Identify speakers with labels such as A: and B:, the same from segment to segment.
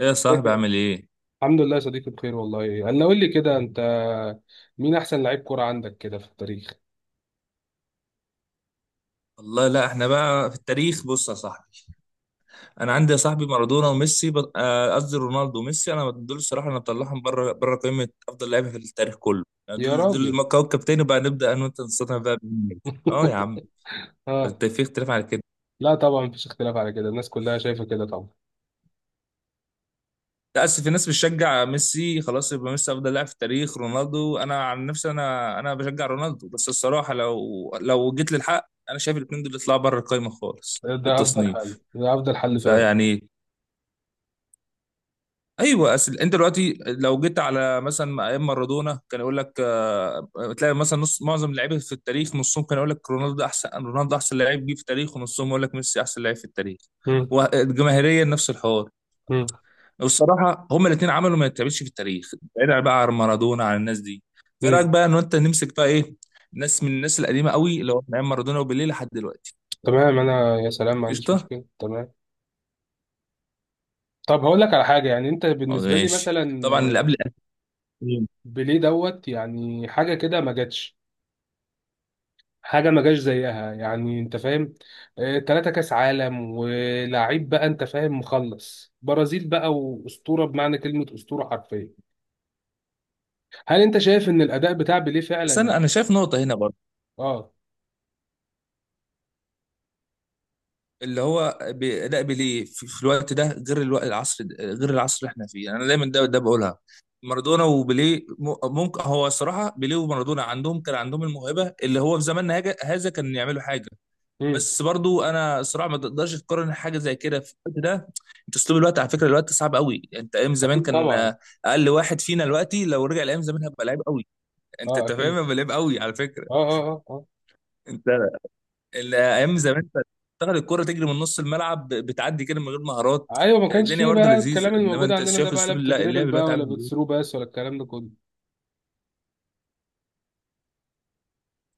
A: ايه يا
B: ازيك؟
A: صاحبي، عامل ايه؟
B: الحمد لله يا صديقي، بخير والله. انا قول لي كده، انت مين احسن لعيب كرة عندك كده في التاريخ؟
A: والله لا، احنا بقى في التاريخ. بص يا صاحبي، انا عندي يا صاحبي مارادونا وميسي قصدي رونالدو وميسي. انا دول الصراحه، انا بطلعهم بره قائمه افضل لعيبه في التاريخ كله، يعني
B: يا
A: دول
B: راجل.
A: كوكب تاني. بقى نبدا انا وانت، نستطيع بقى بمين. اه يا عم،
B: اه.
A: انت في اختلاف على كده؟
B: لا طبعا، مفيش اختلاف على كده، الناس كلها شايفة كده طبعا.
A: لا، اصل في ناس بتشجع ميسي، خلاص يبقى ميسي افضل لاعب في التاريخ، رونالدو. انا عن نفسي انا بشجع رونالدو، بس الصراحه لو جيت للحق انا شايف الاثنين دول يطلعوا بره القائمه خالص
B: ده
A: في
B: افضل حل،
A: التصنيف.
B: ده افضل حل فعلا.
A: فيعني ايوه، اصل انت دلوقتي لو جيت على مثلا ايام مارادونا، كان يقول لك، تلاقي مثلا نص، معظم اللعيبه في التاريخ نصهم كان يقول لك رونالدو ده احسن، رونالدو ده احسن لعيب جه في التاريخ، ونصهم يقول لك ميسي احسن لعيب في التاريخ.
B: مم.
A: وجماهيريا نفس الحوار.
B: مم.
A: والصراحه هما الاثنين عملوا ما يتعملش في التاريخ. بعيد بقى عن مارادونا، عن الناس دي، في رايك
B: مم.
A: بقى ان انت نمسك بقى ايه؟ ناس من الناس القديمه قوي، اللي هو من ايام مارادونا وبيليه لحد دلوقتي.
B: تمام. انا يا سلام ما عنديش
A: قشطه.
B: مشكلة، تمام. طب هقول لك على حاجة، يعني انت بالنسبة لي
A: ماشي.
B: مثلا
A: طبعا اللي قبل 2000،
B: بيليه دوت، يعني حاجة كده ما جاتش، حاجه ما جاش زيها، يعني انت فاهم. تلاتة كاس عالم، ولاعيب، بقى انت فاهم، مخلص برازيل، بقى واسطوره بمعنى كلمه اسطوره حرفيا. هل انت شايف ان الاداء بتاع بيليه
A: بس
B: فعلا؟
A: انا شايف نقطه هنا.
B: اه.
A: اللي هو لا، بيليه في الوقت ده غير الوقت، العصر غير العصر اللي احنا فيه، يعني انا دايما ده بقولها. مارادونا وبيليه ممكن، هو الصراحه بيليه ومارادونا عندهم، كان عندهم الموهبه اللي هو في زماننا هذا، كان يعملوا حاجه.
B: امم.
A: بس برضو انا الصراحه ما تقدرش تقارن حاجه زي كده في الوقت ده. انت اسلوب الوقت، على فكره الوقت صعب قوي. انت ايام زمان
B: اكيد
A: كان،
B: طبعا.
A: اقل واحد فينا دلوقتي لو رجع لايام زمان هبقى لعيب قوي. انت
B: اه
A: أنت فاهم،
B: اكيد.
A: هبقى لعيب قوي على فكره.
B: اه اه اه.
A: انت الايام زمان كانت تاخد الكرة تجري من نص الملعب، بتعدي كده من غير مهارات.
B: اه ايوه، ما
A: كانت
B: كانش
A: الدنيا
B: فيه
A: برضه
B: بقى
A: لذيذه،
B: الكلام
A: انما
B: الموجود
A: انت
B: عندنا ده،
A: شايف
B: بقى لا
A: اسلوب
B: بتدريبل
A: اللعب
B: بقى،
A: دلوقتي عامل
B: ولا
A: ازاي.
B: بتثرو بس، ولا الكلام ده كله.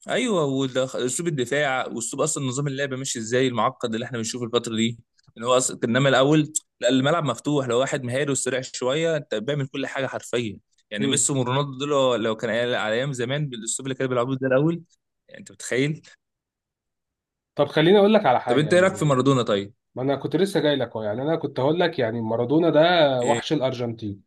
A: ايوه، اسلوب الدفاع، واسلوب اصلا نظام اللعب ماشي ازاي، المعقد اللي احنا بنشوفه الفتره دي، ان هو اصلا، انما الاول لا، الملعب مفتوح، لو واحد مهاري وسريع شويه انت بيعمل كل حاجه حرفيا. يعني
B: امم
A: ميسي ورونالدو دول لو كان على ايام زمان بالاسلوب اللي كانوا بيلعبوه ده الاول، يعني انت متخيل.
B: طب خليني اقول لك على
A: طب
B: حاجه،
A: انت ايه رايك في
B: يعني
A: مارادونا طيب؟
B: ما انا كنت لسه جاي لك اهو، يعني انا كنت هقول لك يعني مارادونا ده
A: إيه؟
B: وحش الارجنتين.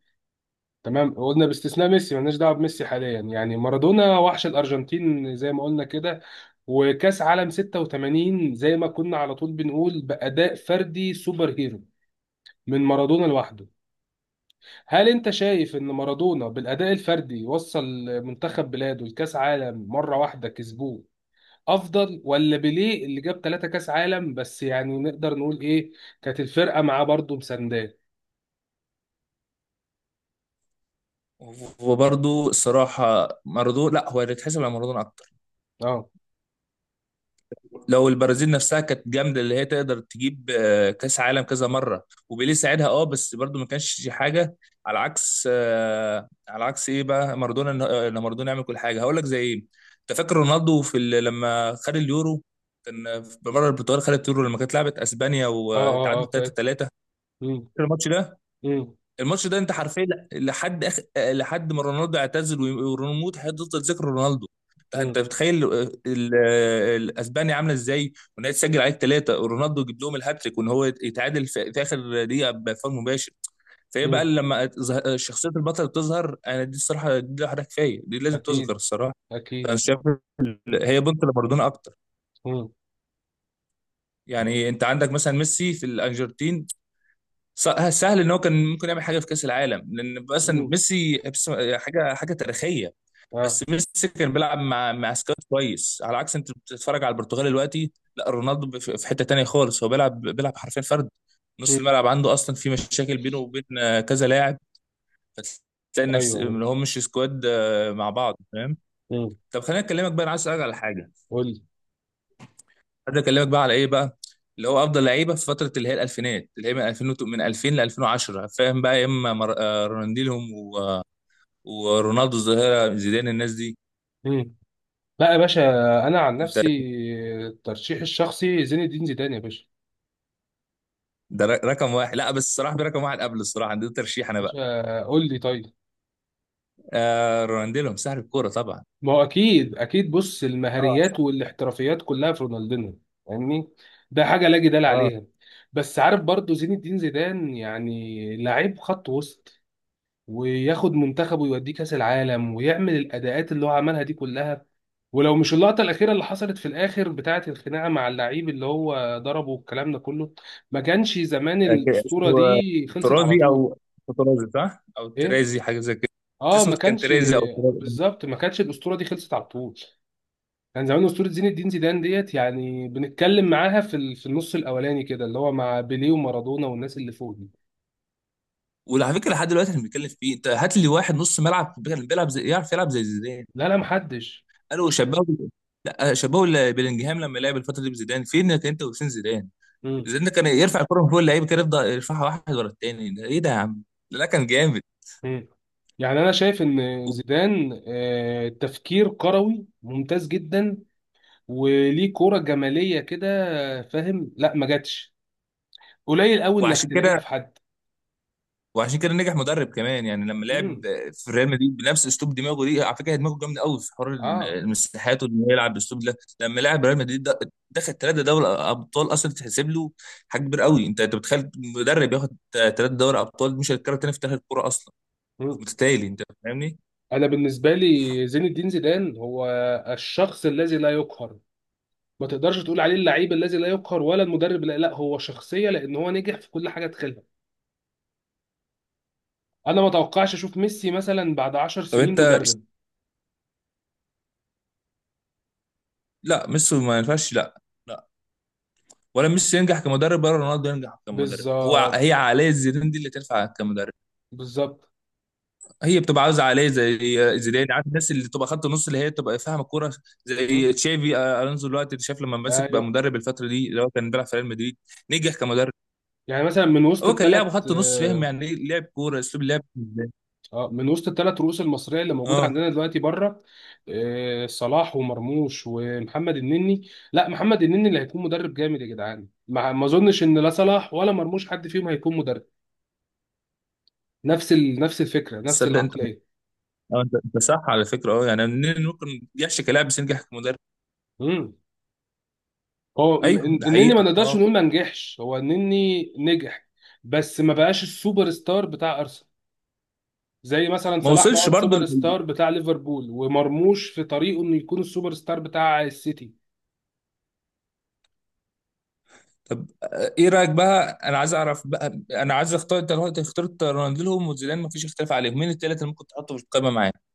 B: تمام، قلنا باستثناء ميسي، مالناش دعوه بميسي حاليا، يعني مارادونا وحش الارجنتين زي ما قلنا كده. وكاس عالم 86 زي ما كنا على طول بنقول، باداء فردي سوبر هيرو من مارادونا لوحده. هل انت شايف ان مارادونا بالاداء الفردي وصل منتخب بلاده لكاس عالم مره واحده كسبوه، افضل ولا بيليه اللي جاب ثلاثة كاس عالم؟ بس يعني نقدر نقول ايه، كانت الفرقه معاه برضه مسانداه.
A: وبرضه الصراحة مارادونا، لا، هو اللي يتحسب على مارادونا أكتر.
B: اه
A: لو البرازيل نفسها كانت جامدة، اللي هي تقدر تجيب كأس عالم كذا مرة، وبيليه ساعدها أه، بس برضه ما كانش حاجة. على عكس، على عكس إيه بقى مارادونا، إن مارادونا يعمل كل حاجة. هقول لك زي إيه، أنت فاكر رونالدو في لما خد اليورو؟ كان في مرة البرتغال خدت اليورو لما كانت لعبت أسبانيا
B: اه اه
A: وتعادلوا
B: اه، فاكر.
A: 3-3.
B: مم،
A: فاكر الماتش ده؟
B: مم،
A: الماتش ده انت حرفيا لحد ما رونالدو اعتزل وريموت هتفضل ذكر رونالدو. طيب انت
B: مم،
A: بتخيل الاسبانيا عامله ازاي، وان هي تسجل عليك ثلاثه، ورونالدو يجيب لهم الهاتريك، وان هو يتعادل في اخر دقيقه بفاول مباشر. فهي بقى
B: مم.
A: لما شخصيه البطل بتظهر، انا دي الصراحه دي لوحدها كفايه، دي لازم تذكر
B: اكيد
A: الصراحه. فانا
B: اكيد.
A: شايف هي بنت لمارادونا اكتر.
B: مم.
A: يعني انت عندك مثلا ميسي في الارجنتين، سهل ان هو كان ممكن يعمل حاجه في كاس العالم لان مثلا
B: مم.
A: ميسي حاجه حاجه تاريخيه.
B: اه.
A: بس ميسي كان بيلعب مع سكواد كويس، على عكس انت بتتفرج على البرتغال دلوقتي، لا رونالدو في حته تانيه خالص، هو بيلعب حرفيا فرد، نص
B: مم.
A: الملعب عنده اصلا في مشاكل بينه وبين كذا لاعب. فتلاقي نفس
B: ايوه.
A: ان هو مش سكواد مع بعض، فاهم.
B: مم.
A: طب خليني اكلمك بقى، انا عايز اسالك على حاجه.
B: قول لي.
A: عايز اكلمك بقى على ايه بقى، اللي هو افضل لعيبه في فتره اللي هي الالفينات، اللي هي من 2000 من 2000 ل 2010، فاهم بقى، يا اما مر... آه، رونالدينهم و... ورونالدو الظاهره، زيدان، الناس دي.
B: مم. لا يا باشا، انا عن
A: انت
B: نفسي الترشيح الشخصي زين الدين زيدان يا باشا.
A: ده رقم واحد. لا، بس الصراحه في رقم واحد قبل، الصراحه عندي ترشيح انا
B: باشا
A: بقى.
B: قول لي طيب.
A: آه رونالدينهم سحر الكوره طبعا.
B: ما هو اكيد اكيد، بص،
A: اه
B: المهاريات
A: صح.
B: والاحترافيات كلها في رونالدينو، فاهمني؟ ده حاجه لا جدال
A: اه
B: عليها. بس عارف، برضو زين الدين زيدان يعني لعيب خط وسط، وياخد منتخبه ويوديه كاس العالم، ويعمل الاداءات اللي هو عملها دي كلها. ولو مش اللقطة الأخيرة اللي حصلت في الآخر بتاعة الخناقة مع اللعيب اللي هو ضربه والكلام ده كله، ما كانش زمان
A: أكيد.
B: الأسطورة
A: اسمه
B: دي خلصت على
A: ترازي
B: طول.
A: او ترازي، صح؟ او
B: إيه؟
A: ترازي حاجه زي كده.
B: آه،
A: اسمه
B: ما
A: كان
B: كانش،
A: ترازي او ترازي.
B: بالظبط، ما كانش الأسطورة دي خلصت على طول. كان زمان أسطورة زين الدين زيدان ديت، يعني بنتكلم معاها في النص الأولاني كده، اللي هو مع بيليه ومارادونا والناس اللي فوق دي.
A: وعلى فكره لحد دلوقتي احنا بنتكلم فيه، انت هات لي واحد نص ملعب بيلعب زي، يعرف يلعب زي زيدان.
B: لا لا محدش.
A: قالوا شبهوا، لا شبهوا بلينجهام لما لعب الفتره دي بزيدان. فين كان انت وفين زيدان؟
B: مم.
A: زيدان ده كان يرفع الكره من فوق اللعيبه كده، يفضل يرفعها واحد ورا التاني، ده ايه ده يا عم؟ ده لا كان جامد.
B: مم. يعني أنا شايف إن
A: و-
B: زيدان تفكير كروي ممتاز جدا، وليه كوره جماليه كده، فاهم؟ لا ما جاتش، قليل قوي انك
A: وعشان
B: تلاقيها
A: كده،
B: في حد.
A: وعشان كده نجح مدرب كمان، يعني لما لعب
B: امم.
A: في ريال مدريد بنفس اسلوب دماغه دي، على فكره دماغه جامده قوي في حوار
B: اه.
A: المساحات، وان هو يلعب بالاسلوب ده، لما لعب ريال مدريد ده دخل ثلاثه دوري ابطال اصلا، تتحسب له حاجه كبيره قوي. انت بتخيل مدرب ياخد ثلاثه دوري ابطال؟ مش هيتكرر تاني في تاريخ الكوره اصلا،
B: مم.
A: متتالي، انت فاهمني.
B: انا بالنسبه لي زين الدين زيدان هو الشخص الذي لا يقهر. ما تقدرش تقول عليه اللعيب الذي لا يقهر، ولا المدرب، لا، هو شخصيه، لان هو نجح في كل حاجه دخلها. انا ما اتوقعش اشوف ميسي مثلا بعد 10
A: طب
B: سنين
A: انت،
B: مدرب.
A: لا ميسي ما ينفعش، لا، لا. ولا ميسي ينجح كمدرب ولا رونالدو ينجح كمدرب، هو
B: بالظبط
A: هي عقليه زيدان دي اللي تنفع كمدرب.
B: بالظبط.
A: هي بتبقى عاوزه عقليه زي زيدان، عارف، الناس اللي تبقى خط نص اللي هي تبقى فاهمه الكوره،
B: مم.
A: زي تشافي، الونزو دلوقتي اللي شاف لما مسك بقى
B: ايوه.
A: مدرب الفتره دي، اللي هو كان بيلعب في ريال مدريد، نجح كمدرب.
B: يعني مثلا من وسط
A: هو كان لاعب
B: الثلاث،
A: خط نص، فاهم يعني ايه لعب كوره، اسلوب لعب ازاي.
B: اه من وسط الثلاث رؤوس المصريه اللي موجوده
A: اه
B: عندنا دلوقتي بره، آه، صلاح ومرموش ومحمد النني. لا، محمد النني اللي هيكون مدرب جامد يا جدعان، ما اظنش ان لا صلاح ولا مرموش حد فيهم هيكون مدرب. نفس الفكره، نفس
A: تصدق انت،
B: العقليه.
A: اه انت صح على فكره. اه، يعني منين ممكن يحشي كلاعب بس ينجح كمدرب.
B: امم هو م-
A: ايوه
B: إن-
A: ده
B: النني ما
A: حقيقه،
B: نقدرش
A: اه.
B: نقول ما نجحش، هو النني نجح. بس ما بقاش السوبر ستار بتاع ارسنال، زي مثلا
A: ما
B: صلاح ما هو
A: وصلش برضه.
B: السوبر ستار بتاع ليفربول، ومرموش في طريقه انه يكون السوبر ستار بتاع السيتي.
A: طب ايه رايك بقى، انا عايز اعرف بقى، انا عايز اختار، انت دلوقتي اخترت رونالدو وزيدان مفيش اختلاف عليهم، مين الثلاثه اللي ممكن تحطه في القائمه معاك؟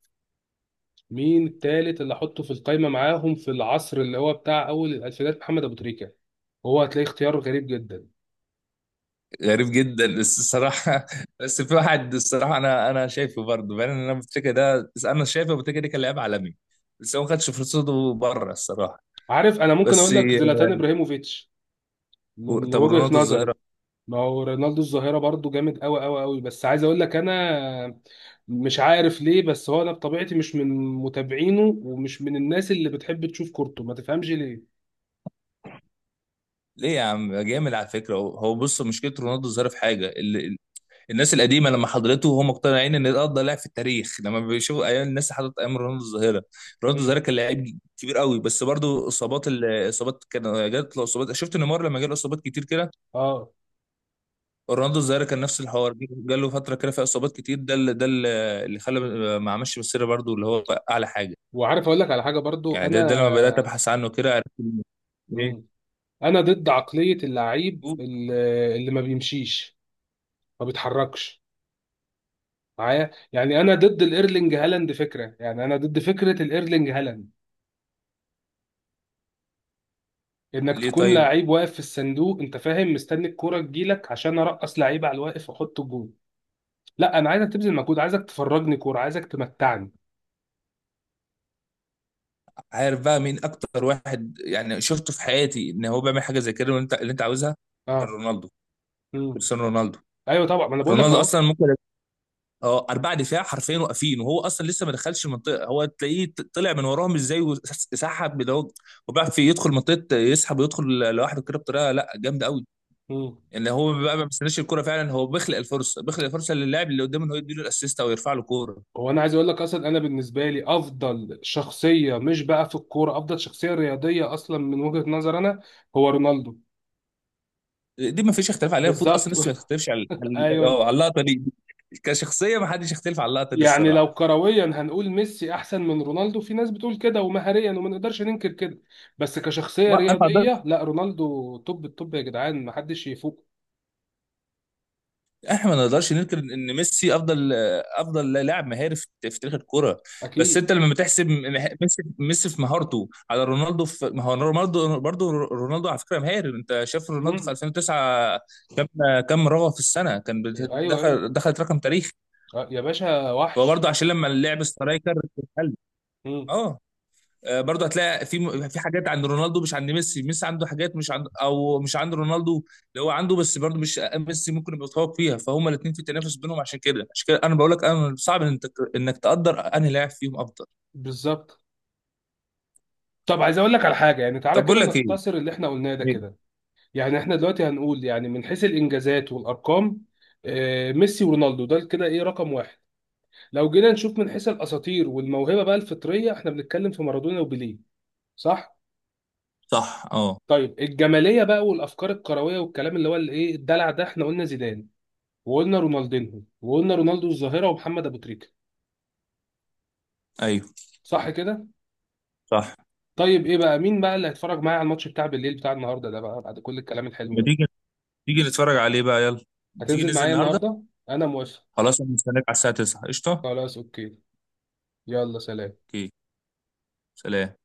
B: مين التالت اللي احطه في القايمه معاهم؟ في العصر اللي هو بتاع اول الالفينات، محمد ابو تريكه. هو هتلاقي اختيار غريب جدا.
A: غريب جدا بس الصراحه، بس في واحد الصراحه، انا شايفه برضه، بان انا بتريكا ده، بس انا شايفه بتريكا ده كان لاعب عالمي، بس هو ما خدش فرصته بره الصراحه.
B: عارف، انا ممكن
A: بس.
B: اقول لك زلاتان ابراهيموفيتش من
A: طب
B: وجهه
A: رونالدو
B: نظري.
A: الظاهره،
B: ما هو رونالدو الظاهره برضو جامد قوي قوي قوي، بس عايز اقول لك انا مش عارف ليه، بس هو انا بطبيعتي مش من متابعينه، ومش من الناس اللي بتحب تشوف كورته، ما تفهمش ليه.
A: ليه يا عم؟ جامد على فكره. هو بص، مشكله رونالدو الظاهره في حاجه. الناس القديمه لما حضرته وهم مقتنعين ان ده افضل لاعب في التاريخ، لما بيشوفوا ايام، الناس حضرت ايام رونالدو الظاهره. رونالدو
B: مم.
A: الظاهره كان لاعب كبير قوي، بس برضه اصابات، الاصابات كان جات له اصابات، شفت نيمار لما جاله اصابات كتير كده.
B: اه.
A: رونالدو الظاهره كان نفس الحوار، جاله فتره كده فيها اصابات كتير، ده اللي، ده اللي خلى ما عملش مسيره برضه اللي هو اعلى حاجه.
B: وعارف اقول لك على حاجه برضو
A: يعني ده لما بدات
B: انا.
A: ابحث عنه كده عرفت إن. ليه.
B: مم. انا ضد عقليه اللعيب اللي، اللي ما بيمشيش، ما بيتحركش معايا، يعني انا ضد الايرلينج هالاند فكره، يعني انا ضد فكره الايرلينج هالاند. انك
A: ليه
B: تكون
A: طيب.
B: لعيب واقف في الصندوق، انت فاهم، مستني الكوره تجيلك عشان ارقص لعيب على الواقف واحط جون. لا، انا عايزك تبذل مجهود، عايزك تفرجني كوره، عايزك تمتعني.
A: عارف بقى مين اكتر واحد يعني شفته في حياتي ان هو بيعمل حاجه زي كده وانت اللي انت عاوزها؟ كان
B: اه.
A: رونالدو،
B: امم.
A: كريستيانو رونالدو.
B: ايوه طبعا، ما انا بقول لك
A: رونالدو
B: اهو.
A: اصلا ممكن، اه اربعه دفاع حرفيا واقفين وهو اصلا لسه ما دخلش المنطقه، هو تلاقيه طلع من وراهم ازاي وسحب، ده هو. وبيعرف في يدخل منطقه يسحب ويدخل لوحده كده بطريقه لا جامده قوي.
B: امم
A: يعني هو بقى ما بيستناش الكرة فعلا، هو بيخلق الفرصه، بيخلق الفرصه للاعب اللي قدامه انه يديله الاسيست او يرفع له كوره.
B: هو انا عايز اقول لك اصلا، انا بالنسبه لي افضل شخصيه، مش بقى في الكوره، افضل شخصيه رياضيه اصلا من وجهه نظر انا، هو رونالدو.
A: دي ما فيش اختلاف عليها، المفروض
B: بالظبط.
A: اصلا لسه ما يختلفش
B: ايوه.
A: اه على اللقطه دي. كشخصيه ما حدش يختلف على اللقطه دي
B: يعني لو
A: الصراحه.
B: كرويا هنقول ميسي احسن من رونالدو، في ناس بتقول كده، ومهاريا وما نقدرش ننكر كده، بس كشخصيه
A: ما انا،
B: رياضيه لا، رونالدو توب التوب يا جدعان، ما حدش يفوق.
A: احنا ما نقدرش ننكر ان ميسي افضل، افضل لاعب مهاري في تاريخ الكرة. بس
B: اكيد.
A: انت لما بتحسب ميسي، ميسي في مهارته على رونالدو في، ما هو رونالدو برضه، رونالدو على فكرة مهاري، انت شايف رونالدو في
B: مم.
A: 2009 كم، كم رغوة في السنة كان
B: ايوه ايوه.
A: دخل، دخلت رقم تاريخي.
B: يا باشا
A: فهو
B: وحش.
A: برضه عشان لما اللعب سترايكر اتقل.
B: مم.
A: اه. برضه هتلاقي في في حاجات عند رونالدو مش عند ميسي، ميسي عنده حاجات مش عند او مش عند رونالدو اللي هو عنده، بس برضه مش ميسي ممكن يبقى متفوق فيها، فهم الاثنين في تنافس بينهم. عشان كده، عشان كده انا بقول لك انا صعب انك تقدر انهي لاعب فيهم افضل.
B: بالظبط. طب عايز اقول لك على حاجه يعني، تعالى
A: طب بقول
B: كده
A: لك ايه.
B: نختصر اللي احنا قلناه ده
A: إيه؟
B: كده، يعني احنا دلوقتي هنقول يعني من حيث الانجازات والارقام ميسي ورونالدو ده كده ايه رقم واحد. لو جينا نشوف من حيث الاساطير والموهبه بقى الفطريه، احنا بنتكلم في مارادونا وبيليه، صح؟
A: صح اه.
B: طيب الجماليه بقى والافكار الكرويه والكلام، اللي هو الايه الدلع ده، احنا قلنا زيدان، وقلنا رونالدينهو، وقلنا رونالدو الظاهره ومحمد ابو تريكه.
A: ايوه
B: صح كده؟
A: صح.
B: طيب، ايه بقى، مين بقى اللي هيتفرج معايا على الماتش بتاع بالليل بتاع النهارده ده بقى، بعد كل الكلام الحلو
A: لما
B: ده؟
A: تيجي، تيجي نتفرج عليه بقى، يلا. تيجي
B: هتنزل
A: ننزل
B: معايا
A: النهارده.
B: النهارده؟ انا موافق.
A: خلاص، انا مستنيك على الساعه 9. قشطه.
B: خلاص اوكي. يلا سلام.
A: اوكي. سلام.